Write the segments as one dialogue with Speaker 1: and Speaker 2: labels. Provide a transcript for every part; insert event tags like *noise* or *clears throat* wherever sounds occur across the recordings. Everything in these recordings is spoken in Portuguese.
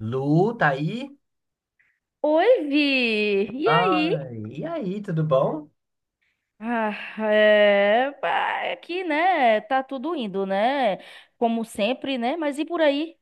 Speaker 1: Lu, tá aí?
Speaker 2: Oi, Vi! E aí?
Speaker 1: Ai, e aí, tudo bom?
Speaker 2: Ah, é, pá, é que, né? Tá tudo indo, né? Como sempre, né? Mas e por aí?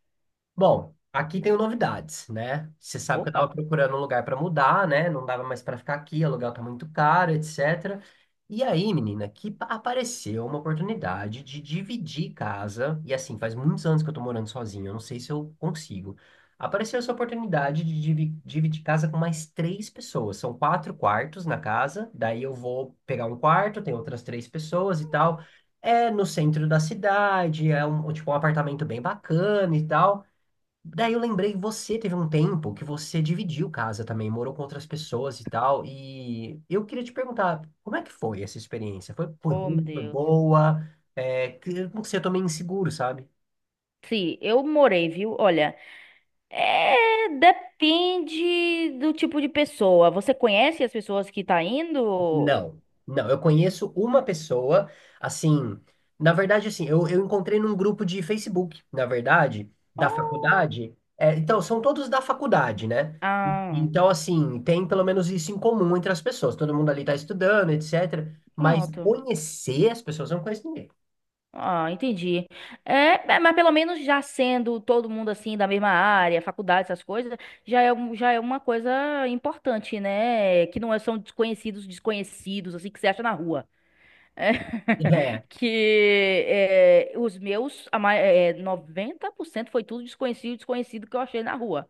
Speaker 1: Bom, aqui tenho novidades, né? Você sabe que eu tava
Speaker 2: Opa!
Speaker 1: procurando um lugar para mudar, né? Não dava mais para ficar aqui, o aluguel tá muito caro, etc. E aí, menina, apareceu uma oportunidade de dividir casa, e assim, faz muitos anos que eu tô morando sozinho, eu não sei se eu consigo. Apareceu essa oportunidade de dividir casa com mais três pessoas. São quatro quartos na casa, daí eu vou pegar um quarto, tem outras três pessoas e tal. É no centro da cidade, é um, tipo, um apartamento bem bacana e tal. Daí eu lembrei que você teve um tempo que você dividiu casa também, morou com outras pessoas e tal. E eu queria te perguntar, como é que foi essa experiência? Foi
Speaker 2: Oh, meu
Speaker 1: ruim, foi
Speaker 2: Deus.
Speaker 1: boa? É, não sei, eu tô meio inseguro, sabe?
Speaker 2: Sim, eu morei, viu? Olha, é, depende do tipo de pessoa. Você conhece as pessoas que tá indo?
Speaker 1: Não, não, eu conheço uma pessoa, assim, na verdade, assim, eu encontrei num grupo de Facebook, na verdade, da
Speaker 2: Oh,
Speaker 1: faculdade, é, então, são todos da faculdade, né? E- e
Speaker 2: ah,
Speaker 1: Então, assim, tem pelo menos isso em comum entre as pessoas, todo mundo ali tá estudando, etc, mas
Speaker 2: pronto.
Speaker 1: conhecer as pessoas, eu não conheço ninguém.
Speaker 2: Ah, entendi. É, mas pelo menos já sendo todo mundo assim da mesma área, faculdade, essas coisas, já é uma coisa importante, né? Que não é- são desconhecidos, desconhecidos, assim, que você acha na rua.
Speaker 1: É.
Speaker 2: *laughs* Que é, os meus, 90% foi tudo desconhecido, desconhecido que eu achei na rua.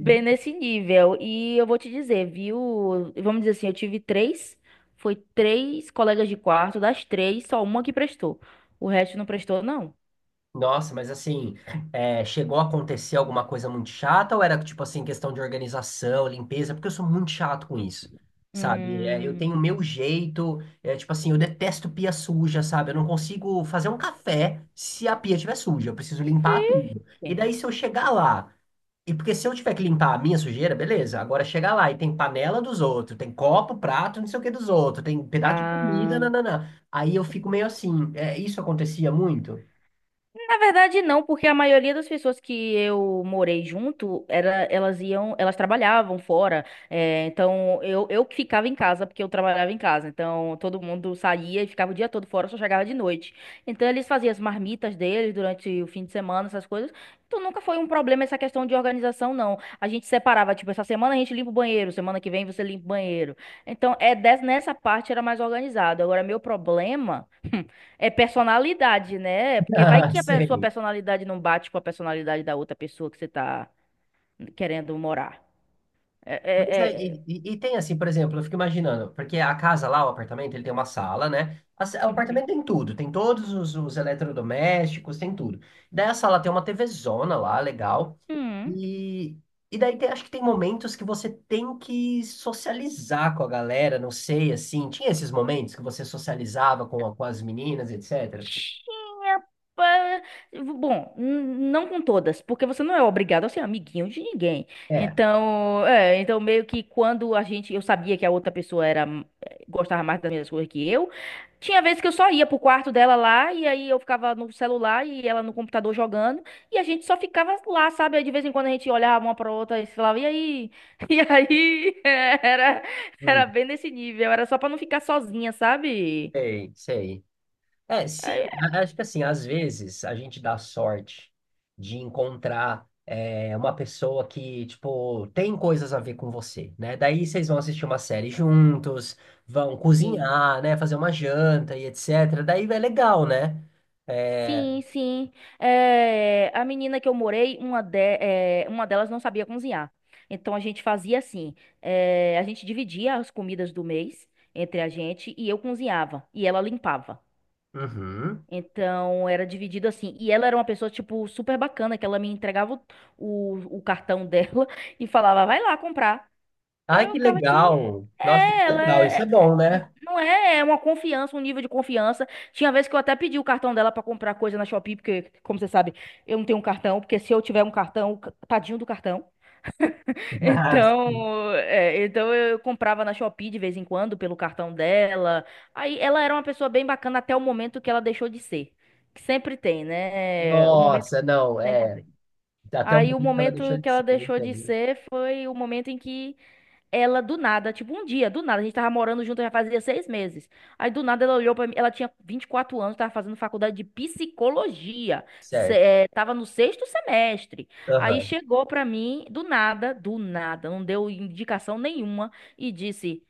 Speaker 2: Bem nesse nível. E eu vou te dizer, viu? Vamos dizer assim, foi três colegas de quarto, das três, só uma que prestou. O resto não prestou, não.
Speaker 1: Nossa, mas assim, é, chegou a acontecer alguma coisa muito chata ou era tipo assim, questão de organização, limpeza? Porque eu sou muito chato com isso, sabe? É, eu tenho o
Speaker 2: Hum,
Speaker 1: meu jeito, é, tipo assim, eu detesto pia suja, sabe? Eu não consigo fazer um café se a pia estiver suja, eu preciso limpar tudo. E
Speaker 2: verde.
Speaker 1: daí se eu chegar lá, e porque se eu tiver que limpar a minha sujeira, beleza, agora chega lá e tem panela dos outros, tem copo, prato, não sei o que dos outros, tem pedaço de comida,
Speaker 2: Ah,
Speaker 1: nananã. Aí eu fico meio assim, é, isso acontecia muito?
Speaker 2: na verdade, não, porque a maioria das pessoas que eu morei junto, era, elas iam, elas trabalhavam fora. Então, eu que ficava em casa, porque eu trabalhava em casa. Então, todo mundo saía e ficava o dia todo fora, só chegava de noite. Então, eles faziam as marmitas deles durante o fim de semana, essas coisas. Então, nunca foi um problema essa questão de organização, não. A gente separava, tipo, essa semana a gente limpa o banheiro, semana que vem você limpa o banheiro. Então, nessa parte era mais organizado. Agora, meu problema. *laughs* É personalidade, né?
Speaker 1: *laughs*
Speaker 2: Porque vai
Speaker 1: Ah,
Speaker 2: que sua
Speaker 1: sei.
Speaker 2: personalidade não bate com a personalidade da outra pessoa que você tá querendo morar. É, é,
Speaker 1: Mas é,
Speaker 2: é.
Speaker 1: e tem assim, por exemplo, eu fico imaginando, porque a casa lá, o apartamento, ele tem uma sala, né? O
Speaker 2: Uhum.
Speaker 1: apartamento tem tudo, tem todos os eletrodomésticos, tem tudo. Daí a sala tem uma TVzona lá, legal.
Speaker 2: Hum.
Speaker 1: E, e acho que tem momentos que você tem que socializar com a galera, não sei, assim. Tinha esses momentos que você socializava com, com as meninas, etc.
Speaker 2: Pa- Bom, não com todas, porque você não é obrigado a ser amiguinho de ninguém.
Speaker 1: É,
Speaker 2: Então, então meio que quando a gente, eu sabia que a outra pessoa era gostava mais das mesmas coisas que eu. Tinha vezes que eu só ia pro quarto dela lá, e aí eu ficava no celular e ela no computador jogando, e a gente só ficava lá, sabe? Aí de vez em quando a gente olhava uma pra outra e falava, e aí? *laughs* E aí? *laughs* Era, era
Speaker 1: hum,
Speaker 2: bem nesse nível, era só pra não ficar sozinha, sabe?
Speaker 1: sei, sei. É, se,
Speaker 2: Aí,
Speaker 1: acho que assim, às vezes a gente dá sorte de encontrar é, uma pessoa que, tipo, tem coisas a ver com você, né? Daí vocês vão assistir uma série juntos, vão
Speaker 2: sim,
Speaker 1: cozinhar, né? Fazer uma janta e etc. Daí é legal, né? É...
Speaker 2: sim, sim. A menina que eu morei, uma, uma delas não sabia cozinhar. Então a gente fazia assim: a gente dividia as comidas do mês entre a gente e eu cozinhava e ela limpava.
Speaker 1: Uhum.
Speaker 2: Então era dividido assim. E ela era uma pessoa, tipo, super bacana, que ela me entregava o cartão dela *laughs* e falava, vai lá comprar. Aí
Speaker 1: Ai,
Speaker 2: eu
Speaker 1: que
Speaker 2: ficava, de,
Speaker 1: legal! Nossa, que
Speaker 2: é, ela
Speaker 1: legal, isso é bom,
Speaker 2: é,
Speaker 1: né?
Speaker 2: não é, é uma confiança, um nível de confiança. Tinha vez que eu até pedi o cartão dela pra comprar coisa na Shopee, porque, como você sabe, eu não tenho um cartão, porque se eu tiver um cartão, tadinho do cartão.
Speaker 1: *laughs*
Speaker 2: Então, então eu comprava na Shopee de vez em quando pelo cartão dela. Aí ela era uma pessoa bem bacana até o momento que ela deixou de ser. Que sempre tem, né? O momento
Speaker 1: Nossa,
Speaker 2: que
Speaker 1: não,
Speaker 2: sempre
Speaker 1: é.
Speaker 2: tem.
Speaker 1: Até o
Speaker 2: Aí o
Speaker 1: momento que ela
Speaker 2: momento
Speaker 1: deixou
Speaker 2: que
Speaker 1: de
Speaker 2: ela
Speaker 1: ser, eu
Speaker 2: deixou de
Speaker 1: entendo.
Speaker 2: ser foi o momento em que ela do nada, tipo um dia, do nada, a gente tava morando junto já fazia seis meses. Aí do nada ela olhou pra mim, ela tinha 24 anos, tava fazendo faculdade de psicologia,
Speaker 1: Certo.
Speaker 2: tava no sexto semestre. Aí chegou pra mim, do nada, não deu indicação nenhuma e disse: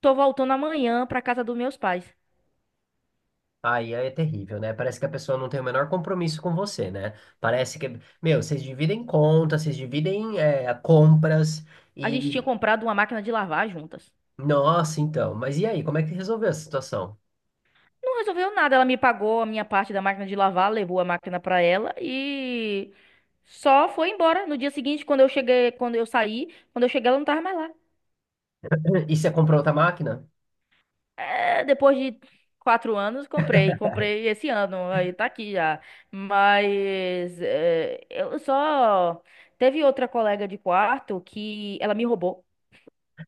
Speaker 2: tô voltando amanhã pra casa dos meus pais.
Speaker 1: Aí é terrível, né? Parece que a pessoa não tem o menor compromisso com você, né? Parece que, meu, vocês dividem contas, vocês dividem é, compras
Speaker 2: A gente tinha
Speaker 1: e.
Speaker 2: comprado uma máquina de lavar juntas.
Speaker 1: Nossa, então. Mas e aí, como é que resolveu essa situação?
Speaker 2: Não resolveu nada. Ela me pagou a minha parte da máquina de lavar, levou a máquina pra ela e só foi embora. No dia seguinte, quando eu cheguei, ela não tava mais lá.
Speaker 1: *clears throat* E você comprou outra máquina?
Speaker 2: É, depois de quatro anos, comprei. Comprei esse ano. Aí tá aqui já. Mas é, eu só. Teve outra colega de quarto que ela me roubou.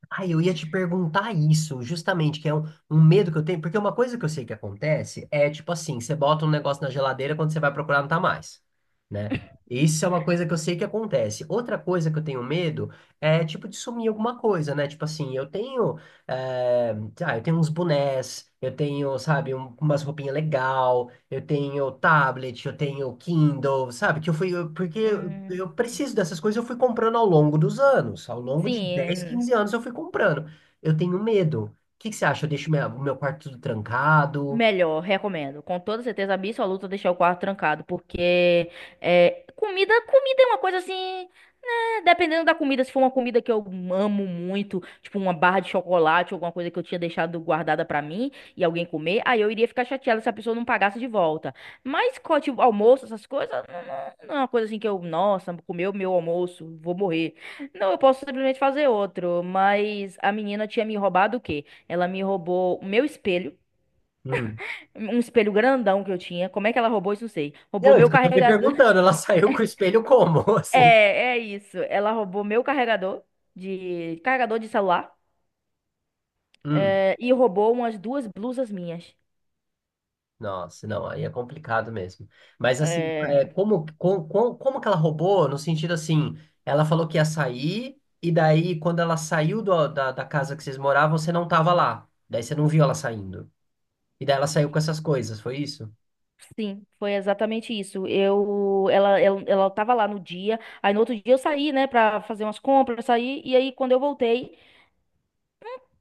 Speaker 1: Ah, eu ia te perguntar isso, justamente, que é um, um medo que eu tenho, porque uma coisa que eu sei que acontece é tipo assim, você bota um negócio na geladeira, quando você vai procurar não tá mais, né? Isso é uma coisa que eu sei que acontece. Outra coisa que eu tenho medo é tipo de sumir alguma coisa, né? Tipo assim, eu tenho, eh, eu tenho uns bonés, eu tenho, sabe, umas roupinhas legal, eu tenho tablet, eu tenho Kindle, sabe? Que eu fui, porque
Speaker 2: Hum,
Speaker 1: eu preciso dessas coisas, eu fui comprando ao longo dos anos, ao longo de 10
Speaker 2: sim.
Speaker 1: 15 anos eu fui comprando. Eu tenho medo. O que que você acha? Eu deixo o meu quarto tudo trancado?
Speaker 2: Melhor, recomendo. Com toda certeza absoluta deixar o quarto trancado, porque comida, comida é uma coisa assim, né, dependendo da comida, se for uma comida que eu amo muito, tipo uma barra de chocolate, alguma coisa que eu tinha deixado guardada pra mim e alguém comer, aí eu iria ficar chateada se a pessoa não pagasse de volta. Mas tipo, almoço, essas coisas, não, não é uma coisa assim que eu, nossa, comeu meu almoço, vou morrer. Não, eu posso simplesmente fazer outro, mas a menina tinha me roubado o quê? Ela me roubou o meu espelho,
Speaker 1: Hum.
Speaker 2: um espelho grandão que eu tinha. Como é que ela roubou isso? Não sei. Roubou
Speaker 1: Não, isso
Speaker 2: meu
Speaker 1: que eu tô me
Speaker 2: carregador.
Speaker 1: perguntando,
Speaker 2: *laughs*
Speaker 1: ela *laughs* saiu com o espelho como, *laughs*
Speaker 2: É,
Speaker 1: assim?
Speaker 2: é isso. Ela roubou meu carregador, de carregador de celular,
Speaker 1: Hum.
Speaker 2: e roubou umas duas blusas minhas.
Speaker 1: Nossa, não, aí é complicado mesmo. Mas assim,
Speaker 2: É,
Speaker 1: é, como que ela roubou? No sentido assim, ela falou que ia sair, e daí quando ela saiu da, da casa que vocês moravam, você não tava lá. Daí você não viu ela saindo. E daí ela saiu com essas coisas, foi isso?
Speaker 2: sim, foi exatamente isso. Ela tava lá no dia. Aí no outro dia eu saí, né, pra fazer umas compras, saí. E aí quando eu voltei,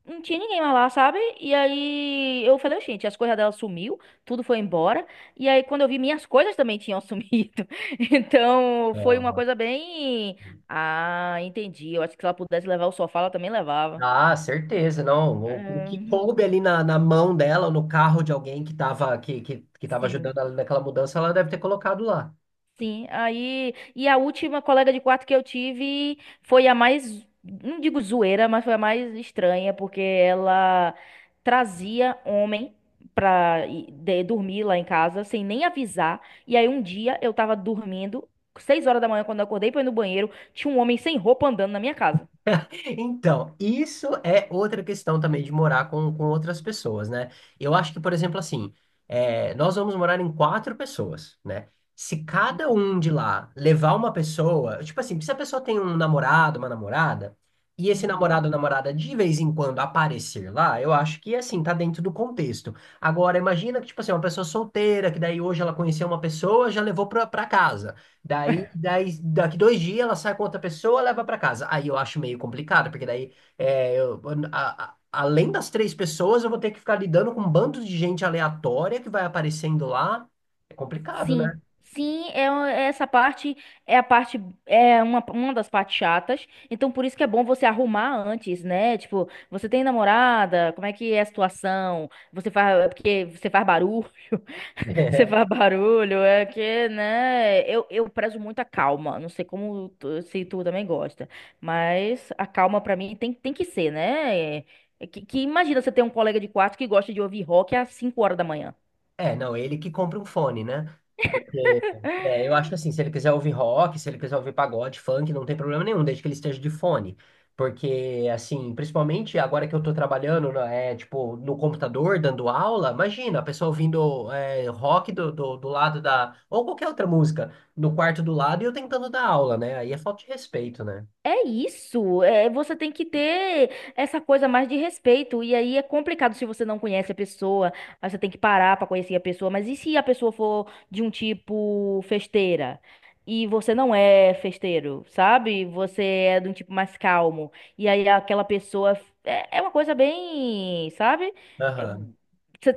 Speaker 2: não tinha ninguém mais lá, sabe? E aí eu falei, gente, as coisas dela sumiu, tudo foi embora. E aí quando eu vi, minhas coisas também tinham *laughs* sumido. Então foi uma coisa bem. Ah, entendi. Eu acho que se ela pudesse levar o sofá, ela também levava.
Speaker 1: Ah, certeza, não. O que
Speaker 2: Ahn,
Speaker 1: coube ali na, na mão dela, no carro de alguém que estava que tava
Speaker 2: sim.
Speaker 1: ajudando ela naquela mudança, ela deve ter colocado lá.
Speaker 2: Sim, aí. E a última colega de quarto que eu tive foi a mais. Não digo zoeira, mas foi a mais estranha, porque ela trazia homem pra dormir lá em casa, sem nem avisar. E aí um dia eu tava dormindo, seis horas da manhã, quando eu acordei pra ir no banheiro, tinha um homem sem roupa andando na minha casa.
Speaker 1: Então, isso é outra questão também de morar com outras pessoas, né? Eu acho que, por exemplo, assim, é, nós vamos morar em quatro pessoas, né? Se cada um de lá levar uma pessoa, tipo assim, se a pessoa tem um namorado, uma namorada, e esse
Speaker 2: Uhum.
Speaker 1: namorado ou namorada de vez em quando aparecer lá, eu acho que, assim, tá dentro do contexto. Agora, imagina que, tipo assim, uma pessoa solteira, que daí hoje ela conheceu uma pessoa, já levou pra, pra casa. Daqui dois dias ela sai com outra pessoa, leva pra casa. Aí eu acho meio complicado, porque daí, é, além das três pessoas, eu vou ter que ficar lidando com um bando de gente aleatória que vai aparecendo lá. É complicado, né?
Speaker 2: Sim, sim, é essa parte, é a parte, é uma das partes chatas. Então por isso que é bom você arrumar antes, né? Tipo, você tem namorada, como é que é a situação? Você faz é porque você faz barulho, *laughs* você
Speaker 1: *laughs*
Speaker 2: faz barulho, é que, né? Eu prezo muito a calma. Não sei como se tu também gosta, mas a calma pra mim tem que ser, né? É, que imagina você ter um colega de quarto que gosta de ouvir rock às 5 horas da manhã.
Speaker 1: É, não, ele que compra um fone, né? É, é, eu acho que assim, se ele quiser ouvir rock, se ele quiser ouvir pagode, funk, não tem problema nenhum, desde que ele esteja de fone. Porque, assim, principalmente agora que eu tô trabalhando, né, é, tipo, no computador, dando aula, imagina, a pessoa ouvindo é, rock do lado da... Ou qualquer outra música, no quarto do lado e eu tentando dar aula, né? Aí é falta de respeito, né?
Speaker 2: É isso, é, você tem que ter essa coisa mais de respeito. E aí é complicado se você não conhece a pessoa, aí você tem que parar pra conhecer a pessoa. Mas e se a pessoa for de um tipo festeira? E você não é festeiro, sabe? Você é de um tipo mais calmo. E aí aquela pessoa. É, é uma coisa bem, sabe? É,
Speaker 1: Aham,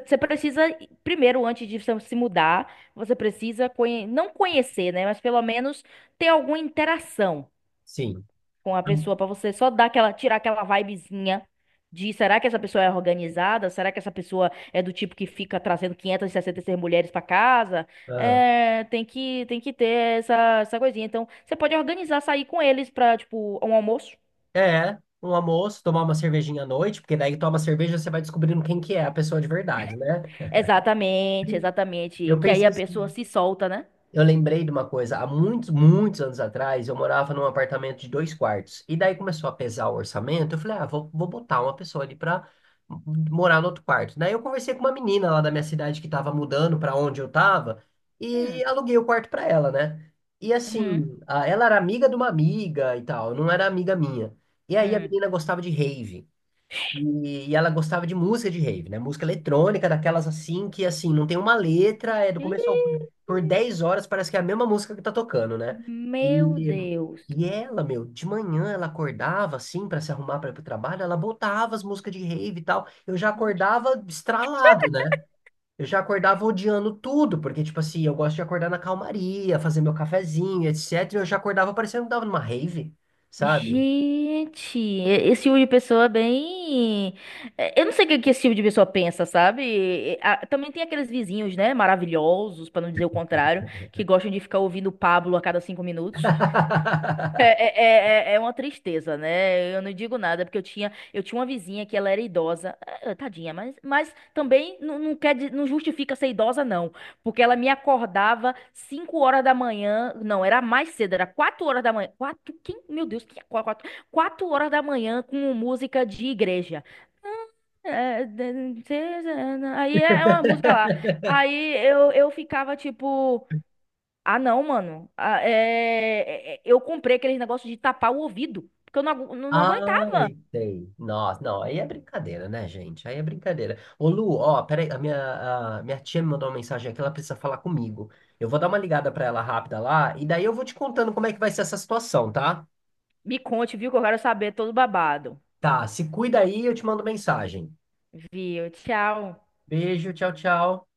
Speaker 2: você precisa, primeiro, antes de você se mudar, você precisa não conhecer, né? Mas pelo menos ter alguma interação
Speaker 1: sim.
Speaker 2: com a pessoa pra você só dar aquela, tirar aquela vibezinha de: será que essa pessoa é organizada? Será que essa pessoa é do tipo que fica trazendo 566 mulheres pra casa?
Speaker 1: Aham.
Speaker 2: É, tem que ter essa coisinha. Então, você pode organizar sair com eles pra, tipo, um almoço.
Speaker 1: É, um almoço, tomar uma cervejinha à noite, porque daí toma cerveja, você vai descobrindo quem que é a pessoa de verdade, né?
Speaker 2: Exatamente, exatamente,
Speaker 1: Eu
Speaker 2: que aí
Speaker 1: pensei.
Speaker 2: a pessoa se solta, né?
Speaker 1: Eu lembrei de uma coisa, há muitos anos atrás, eu morava num apartamento de dois quartos. E daí começou a pesar o orçamento. Eu falei, ah, vou botar uma pessoa ali pra morar no outro quarto. Daí eu conversei com uma menina lá da minha cidade que tava mudando pra onde eu tava e
Speaker 2: Hum,
Speaker 1: aluguei o quarto pra ela, né? E assim,
Speaker 2: uhum,
Speaker 1: ela era amiga de uma amiga e tal, não era amiga minha. E aí a
Speaker 2: hum.
Speaker 1: menina gostava de rave. E ela gostava de música de rave, né? Música eletrônica, daquelas assim, que assim, não tem uma letra, é do
Speaker 2: Ih,
Speaker 1: começo ao fim. Por 10 horas parece que é a mesma música que tá tocando, né?
Speaker 2: meu
Speaker 1: E,
Speaker 2: Deus.
Speaker 1: e ela, meu, de manhã ela acordava assim pra se arrumar pra ir pro trabalho, ela botava as músicas de rave e tal. Eu já acordava estralado, né? Eu já acordava odiando tudo, porque, tipo assim, eu gosto de acordar na calmaria, fazer meu cafezinho, etc. E eu já acordava parecendo que tava numa rave, sabe?
Speaker 2: Gente, esse tipo de pessoa é bem. Eu não sei o que que esse tipo de pessoa pensa, sabe? Também tem aqueles vizinhos, né? Maravilhosos, pra não dizer o contrário, que gostam de ficar ouvindo o Pablo a cada cinco minutos. É,
Speaker 1: *laughs*
Speaker 2: é, uma tristeza, né? Eu não digo nada, porque eu tinha uma vizinha que ela era idosa. Ah, tadinha, mas, também não, não quer, não justifica ser idosa, não. Porque ela me acordava 5 horas da manhã. Não, era mais cedo, era 4 horas da manhã. Quatro, quem? Meu Deus, que quatro, quatro horas da manhã com música de igreja. É, aí é uma música lá. Aí eu ficava tipo. Ah, não, mano. Ah, eu comprei aqueles negócio de tapar o ouvido, porque eu não, não, não aguentava.
Speaker 1: Ai, tem. Nossa, não, aí é brincadeira, né, gente? Aí é brincadeira. Ô, Lu, ó, peraí, a minha tia me mandou uma mensagem aqui, ela precisa falar comigo. Eu vou dar uma ligada pra ela rápida lá, e daí eu vou te contando como é que vai ser essa situação, tá?
Speaker 2: Me conte, viu, que eu quero saber todo babado.
Speaker 1: Tá, se cuida aí, eu te mando mensagem.
Speaker 2: Viu? Tchau.
Speaker 1: Beijo, tchau, tchau.